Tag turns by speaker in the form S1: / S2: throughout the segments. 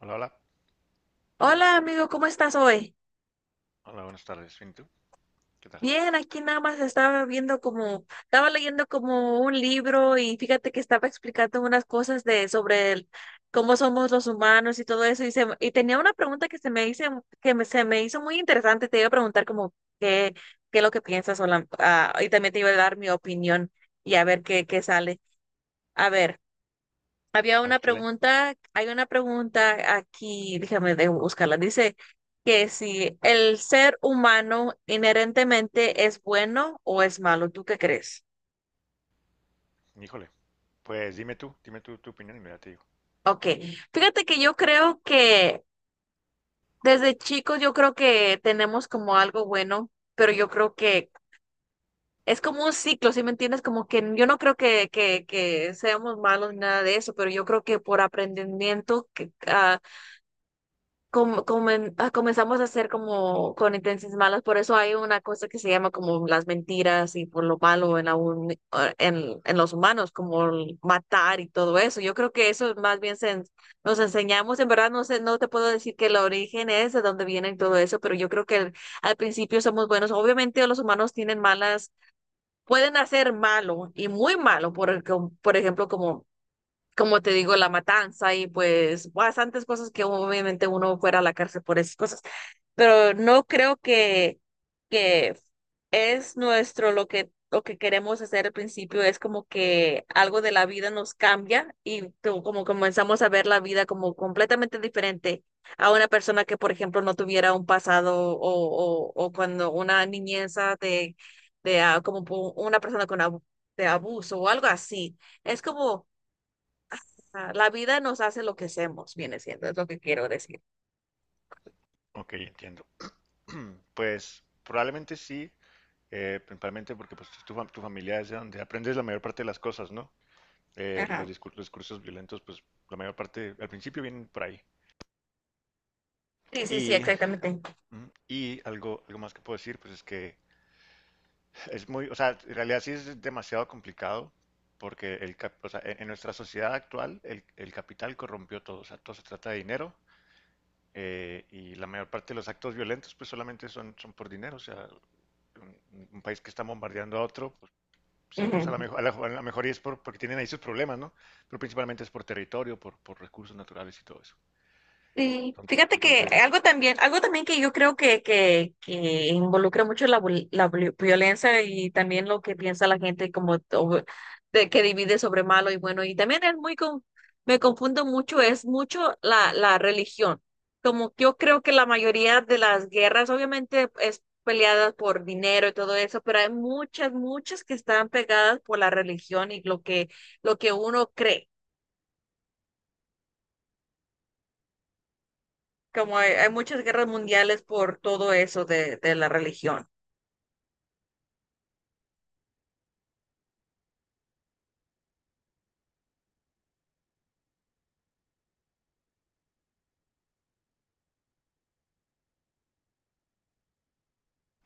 S1: Hola, hola.
S2: Hola amigo, ¿cómo estás hoy?
S1: Hola, buenas tardes. Bien, ¿tú? ¿Qué tal?
S2: Bien, aquí nada más estaba leyendo como un libro y fíjate que estaba explicando unas cosas de sobre cómo somos los humanos y todo eso. Y tenía una pregunta que se me hizo, se me hizo muy interesante, te iba a preguntar como qué, qué es lo que piensas y también te iba a dar mi opinión y a ver qué sale. A ver.
S1: A ver, chale.
S2: Hay una pregunta aquí, déjame de buscarla. Dice que si el ser humano inherentemente es bueno o es malo, ¿tú qué crees?
S1: Híjole. Pues dime tú tu opinión y mira te digo.
S2: Ok, fíjate que yo creo que desde chicos yo creo que tenemos como algo bueno, pero yo creo que es como un ciclo, ¿sí me entiendes? Como que yo no creo que seamos malos ni nada de eso, pero yo creo que por aprendimiento que comenzamos a hacer como con intenciones malas, por eso hay una cosa que se llama como las mentiras y por lo malo en, la un- ah, en los humanos, como el matar y todo eso. Yo creo que eso más bien nos enseñamos, en verdad no sé, no te puedo decir que el origen es de dónde viene y todo eso, pero yo creo que al principio somos buenos. Obviamente los humanos tienen malas, pueden hacer malo y muy malo, por ejemplo, como te digo, la matanza y pues bastantes cosas que obviamente uno fuera a la cárcel por esas cosas. Pero no creo que es nuestro lo que queremos hacer al principio, es como que algo de la vida nos cambia y como comenzamos a ver la vida como completamente diferente a una persona que, por ejemplo, no tuviera un pasado o, o cuando una niñeza de una persona de abuso o algo así. Es como la vida nos hace lo que hacemos, viene siendo, es lo que quiero decir.
S1: Ok, entiendo. Pues probablemente sí, principalmente porque pues tu familia es de donde aprendes la mayor parte de las cosas, ¿no?
S2: Ajá.
S1: Los discursos violentos, pues la mayor parte al principio vienen por ahí.
S2: Sí, sí, sí,
S1: Y,
S2: exactamente.
S1: y algo más que puedo decir, pues es que es muy, o sea, en realidad sí es demasiado complicado porque o sea, en nuestra sociedad actual el capital corrompió todo, o sea, todo se trata de dinero y la mayor parte de los actos violentos pues solamente son, son por dinero, o sea, un país que está bombardeando a otro, pues sí, pues a lo
S2: Ujú.
S1: mejor, a la mejor es por, porque tienen ahí sus problemas, ¿no? Pero principalmente es por territorio, por recursos naturales y todo eso.
S2: Sí,
S1: Entonces,
S2: fíjate que
S1: entonces,
S2: algo también que yo creo que involucra mucho la violencia y también lo que piensa la gente de que divide sobre malo y bueno, y también me confundo mucho, es mucho la religión. Como que yo creo que la mayoría de las guerras obviamente es peleadas por dinero y todo eso, pero hay muchas, muchas que están pegadas por la religión y lo que uno cree. Como hay muchas guerras mundiales por todo eso de la religión.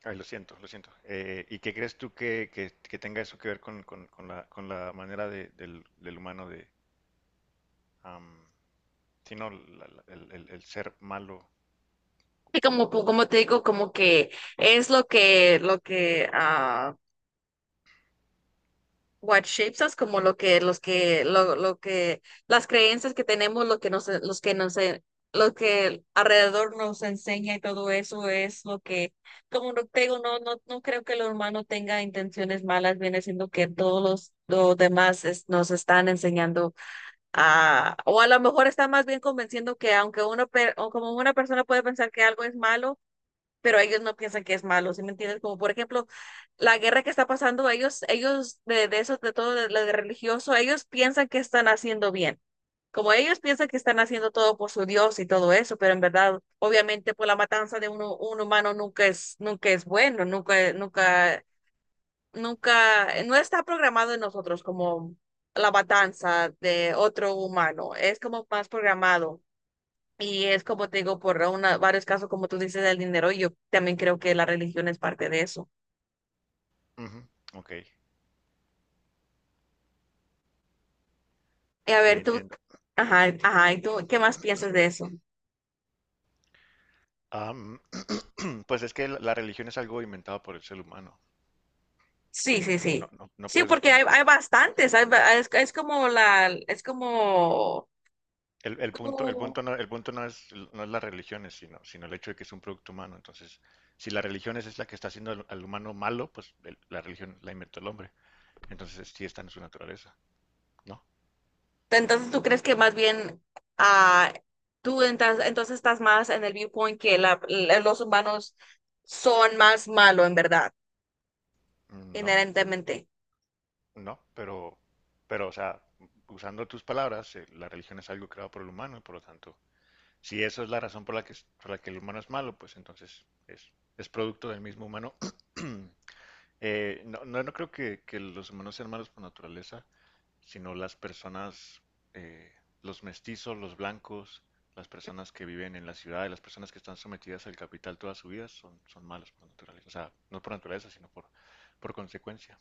S1: ay, lo siento, lo siento. ¿Y qué crees tú que, que tenga eso que ver con, con la manera del humano de, am, sí, no, ¿el ser malo?
S2: Y como te digo, como que es lo que, what shapes us, como lo que, los que, lo que, las creencias que tenemos, lo que alrededor nos enseña y todo eso es lo que, como no te digo, no creo que el humano tenga intenciones malas, viene siendo que todos los demás nos están enseñando. O a lo mejor está más bien convenciendo que aunque uno, per o como una persona puede pensar que algo es malo, pero ellos no piensan que es malo, ¿sí me entiendes? Como por ejemplo, la guerra que está pasando, ellos de eso, de todo lo de religioso, ellos piensan que están haciendo bien. Como ellos piensan que están haciendo todo por su Dios y todo eso, pero en verdad, obviamente, por la matanza de uno, un humano nunca es bueno, nunca, nunca nunca, no está programado en nosotros como la matanza de otro humano, es como más programado. Y es como te digo, por varios casos, como tú dices, del dinero, y yo también creo que la religión es parte de eso.
S1: Ujú. Ok,
S2: Y a
S1: ok,
S2: ver, tú,
S1: entiendo.
S2: ajá, ajá, ¿y tú qué más piensas de eso?
S1: Am, pues es que la religión es algo inventado por el ser humano.
S2: Sí,
S1: O
S2: sí,
S1: sea, no,
S2: sí.
S1: no, no
S2: Sí,
S1: puedes
S2: porque hay,
S1: desconectar.
S2: hay bastantes, es como la, es como,
S1: El punto,
S2: como
S1: el punto no es, no es las religiones, sino, sino el hecho de que es un producto humano. Entonces, si la religión es la que está haciendo al humano malo, pues la religión la inventó el hombre. Entonces, sí está en su naturaleza. No,
S2: entonces, ¿tú crees que más bien ah, entonces estás más en el viewpoint que los humanos son más malos en verdad,
S1: no,
S2: inherentemente,
S1: no, pero, o sea, usando tus palabras, la religión es algo creado por el humano y por lo tanto si eso es la razón por la que el humano es malo, pues entonces es producto del mismo humano. No, no, no creo que los humanos sean malos por naturaleza, sino las personas, eh, los mestizos, los blancos, las personas que viven en la ciudad y las personas que están sometidas al capital toda su vida son, son malos por naturaleza. O sea, no por naturaleza, sino por consecuencia.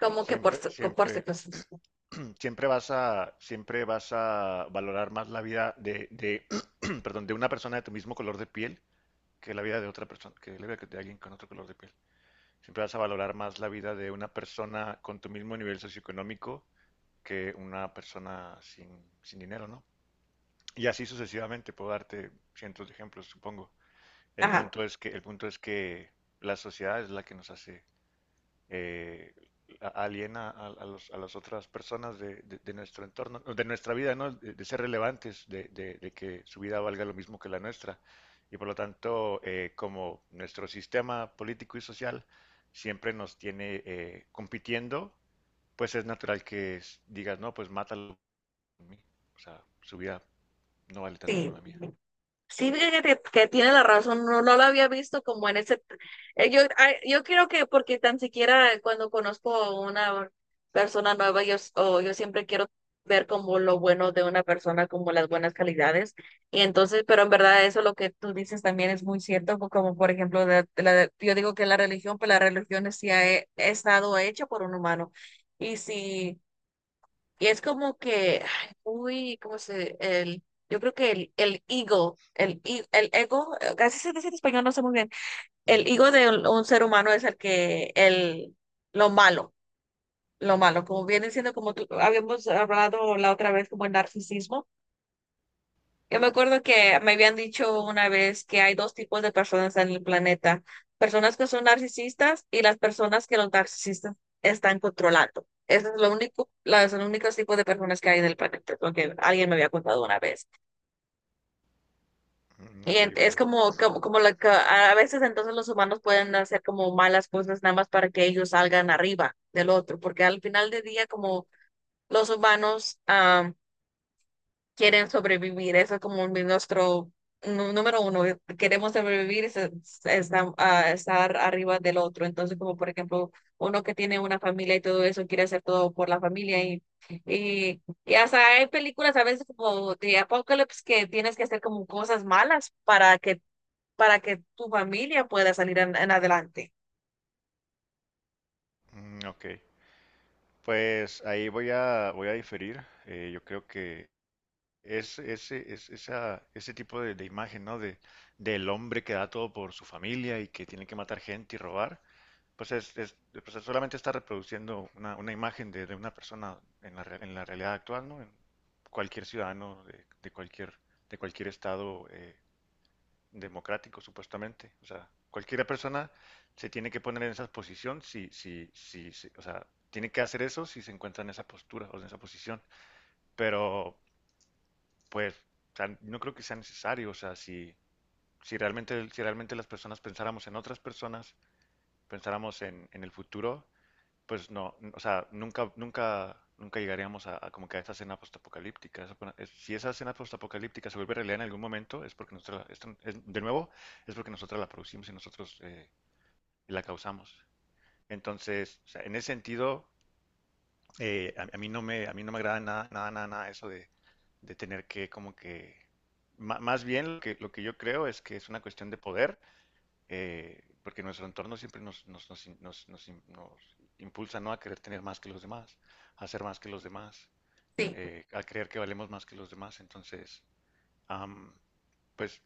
S2: como que por,
S1: Siempre,
S2: por ser
S1: siempre,
S2: cosas?
S1: siempre vas a valorar más la vida de, perdón, de una persona de tu mismo color de piel que la vida de otra persona, que la vida de alguien con otro color de piel. Siempre vas a valorar más la vida de una persona con tu mismo nivel socioeconómico que una persona sin, sin dinero, ¿no? Y así sucesivamente, puedo darte cientos de ejemplos, supongo.
S2: Ajá,
S1: El punto es que la sociedad es la que nos hace eh, aliena a, a las otras personas de, de nuestro entorno, de nuestra vida, ¿no? De ser relevantes, de, de que su vida valga lo mismo que la nuestra. Y por lo tanto, como nuestro sistema político y social siempre nos tiene compitiendo, pues es natural que digas, no, pues "mátalo por mí". O sea, su vida no vale tanto como
S2: sí.
S1: la mía.
S2: Sí, fíjate que tiene la razón, no lo había visto como en ese. Yo creo que porque tan siquiera cuando conozco a una persona nueva, yo, s- o yo siempre quiero ver como lo bueno de una persona, como las buenas calidades. Y entonces, pero en verdad eso lo que tú dices también es muy cierto, como por ejemplo, yo digo que la religión, pues la religión sí ha estado hecha por un humano. Y si y es como que, ay, uy, yo creo que el ego, casi se dice en español, no sé muy bien,
S1: Ujú.
S2: el ego de un ser humano es lo malo, lo malo, como viene siendo como habíamos hablado la otra vez, como el narcisismo yo me acuerdo que me habían dicho una vez que hay dos tipos de personas en el planeta, personas que son narcisistas y las personas que los narcisistas están controlando. Ese es lo único, son los únicos tipos de personas que hay en el planeta, es lo que alguien me había contado una vez.
S1: Mm. Ok, ok.
S2: Es como a veces entonces los humanos pueden hacer como malas cosas nada más para que ellos salgan arriba del otro, porque al final del día como los humanos quieren sobrevivir. Eso es como nuestro número uno. Queremos sobrevivir y a estar arriba del otro. Entonces, como por ejemplo, uno que tiene una familia y todo eso, quiere hacer todo por la familia. Y hasta hay películas a veces como de Apocalypse que tienes que hacer como cosas malas para que, tu familia pueda salir en adelante.
S1: Mm, ok, pues ahí voy a, voy a diferir. Yo creo que es, ese, es, esa, ese tipo de imagen, ¿no? De, del hombre que da todo por su familia y que tiene que matar gente y robar, pues pues es, solamente está reproduciendo una imagen de una persona en la, en la realidad actual, ¿no? En cualquier ciudadano de cualquier estado democrático, supuestamente. O sea, cualquier persona se tiene que poner en esa posición si, si, si, o sea, tiene que hacer eso si se encuentra en esa postura o en esa posición. Pero, pues, o sea, no creo que sea necesario. O sea, si, si realmente, si realmente las personas pensáramos en otras personas, pensáramos en el futuro, pues no, o sea, nunca, nunca, nunca llegaríamos a como que a esta escena postapocalíptica. Si esa escena postapocalíptica se vuelve realidad en algún momento, es porque nosotros, de nuevo, es porque nosotros la producimos y nosotros la causamos. Entonces, o sea, en ese sentido, a mí no me, a mí no me agrada nada, nada, nada, nada eso de tener que como que, más bien lo que yo creo es que es una cuestión de poder porque nuestro entorno siempre nos, nos, nos, nos impulsa ¿no? a querer tener más que los demás, a ser más que los demás,
S2: Sí,
S1: a creer que valemos más que los demás. Entonces, am, pues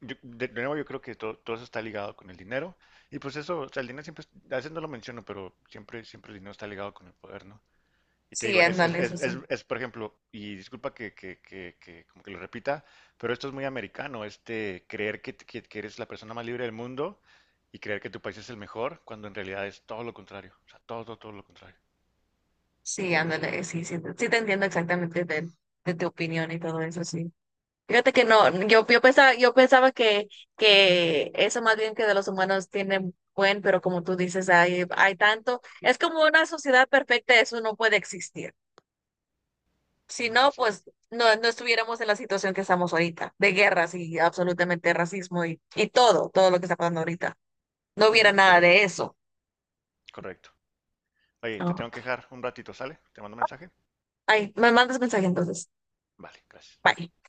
S1: de nuevo yo creo que todo eso está ligado con el dinero. Y pues eso, o sea, el dinero siempre, a veces no lo menciono, pero siempre, siempre el dinero está ligado con el poder, ¿no? Y te
S2: sí,
S1: digo,
S2: ándale, eso sí.
S1: por ejemplo, y disculpa que como que lo repita, pero esto es muy americano, este creer que eres la persona más libre del mundo y creer que tu país es el mejor, cuando en realidad es todo lo contrario. O sea, todo, todo, todo lo contrario.
S2: Sí, ándale, sí, sí, sí te entiendo exactamente de tu opinión y todo eso, sí. Fíjate que no, yo pensaba que eso más bien que de los humanos tiene buen, pero como tú dices, hay tanto, es como una sociedad perfecta, eso no puede existir. Si
S1: Ujú,
S2: no,
S1: así es.
S2: pues no estuviéramos en la situación que estamos ahorita, de guerras y absolutamente racismo y todo, todo lo que está pasando ahorita. No hubiera
S1: Ujú,
S2: nada
S1: correcto,
S2: de eso.
S1: correcto. Oye, te
S2: No.
S1: tengo que dejar un ratito, ¿sale? Te mando un mensaje.
S2: Ay, me mandas mensaje entonces.
S1: Vale, gracias.
S2: Bye.
S1: Bye.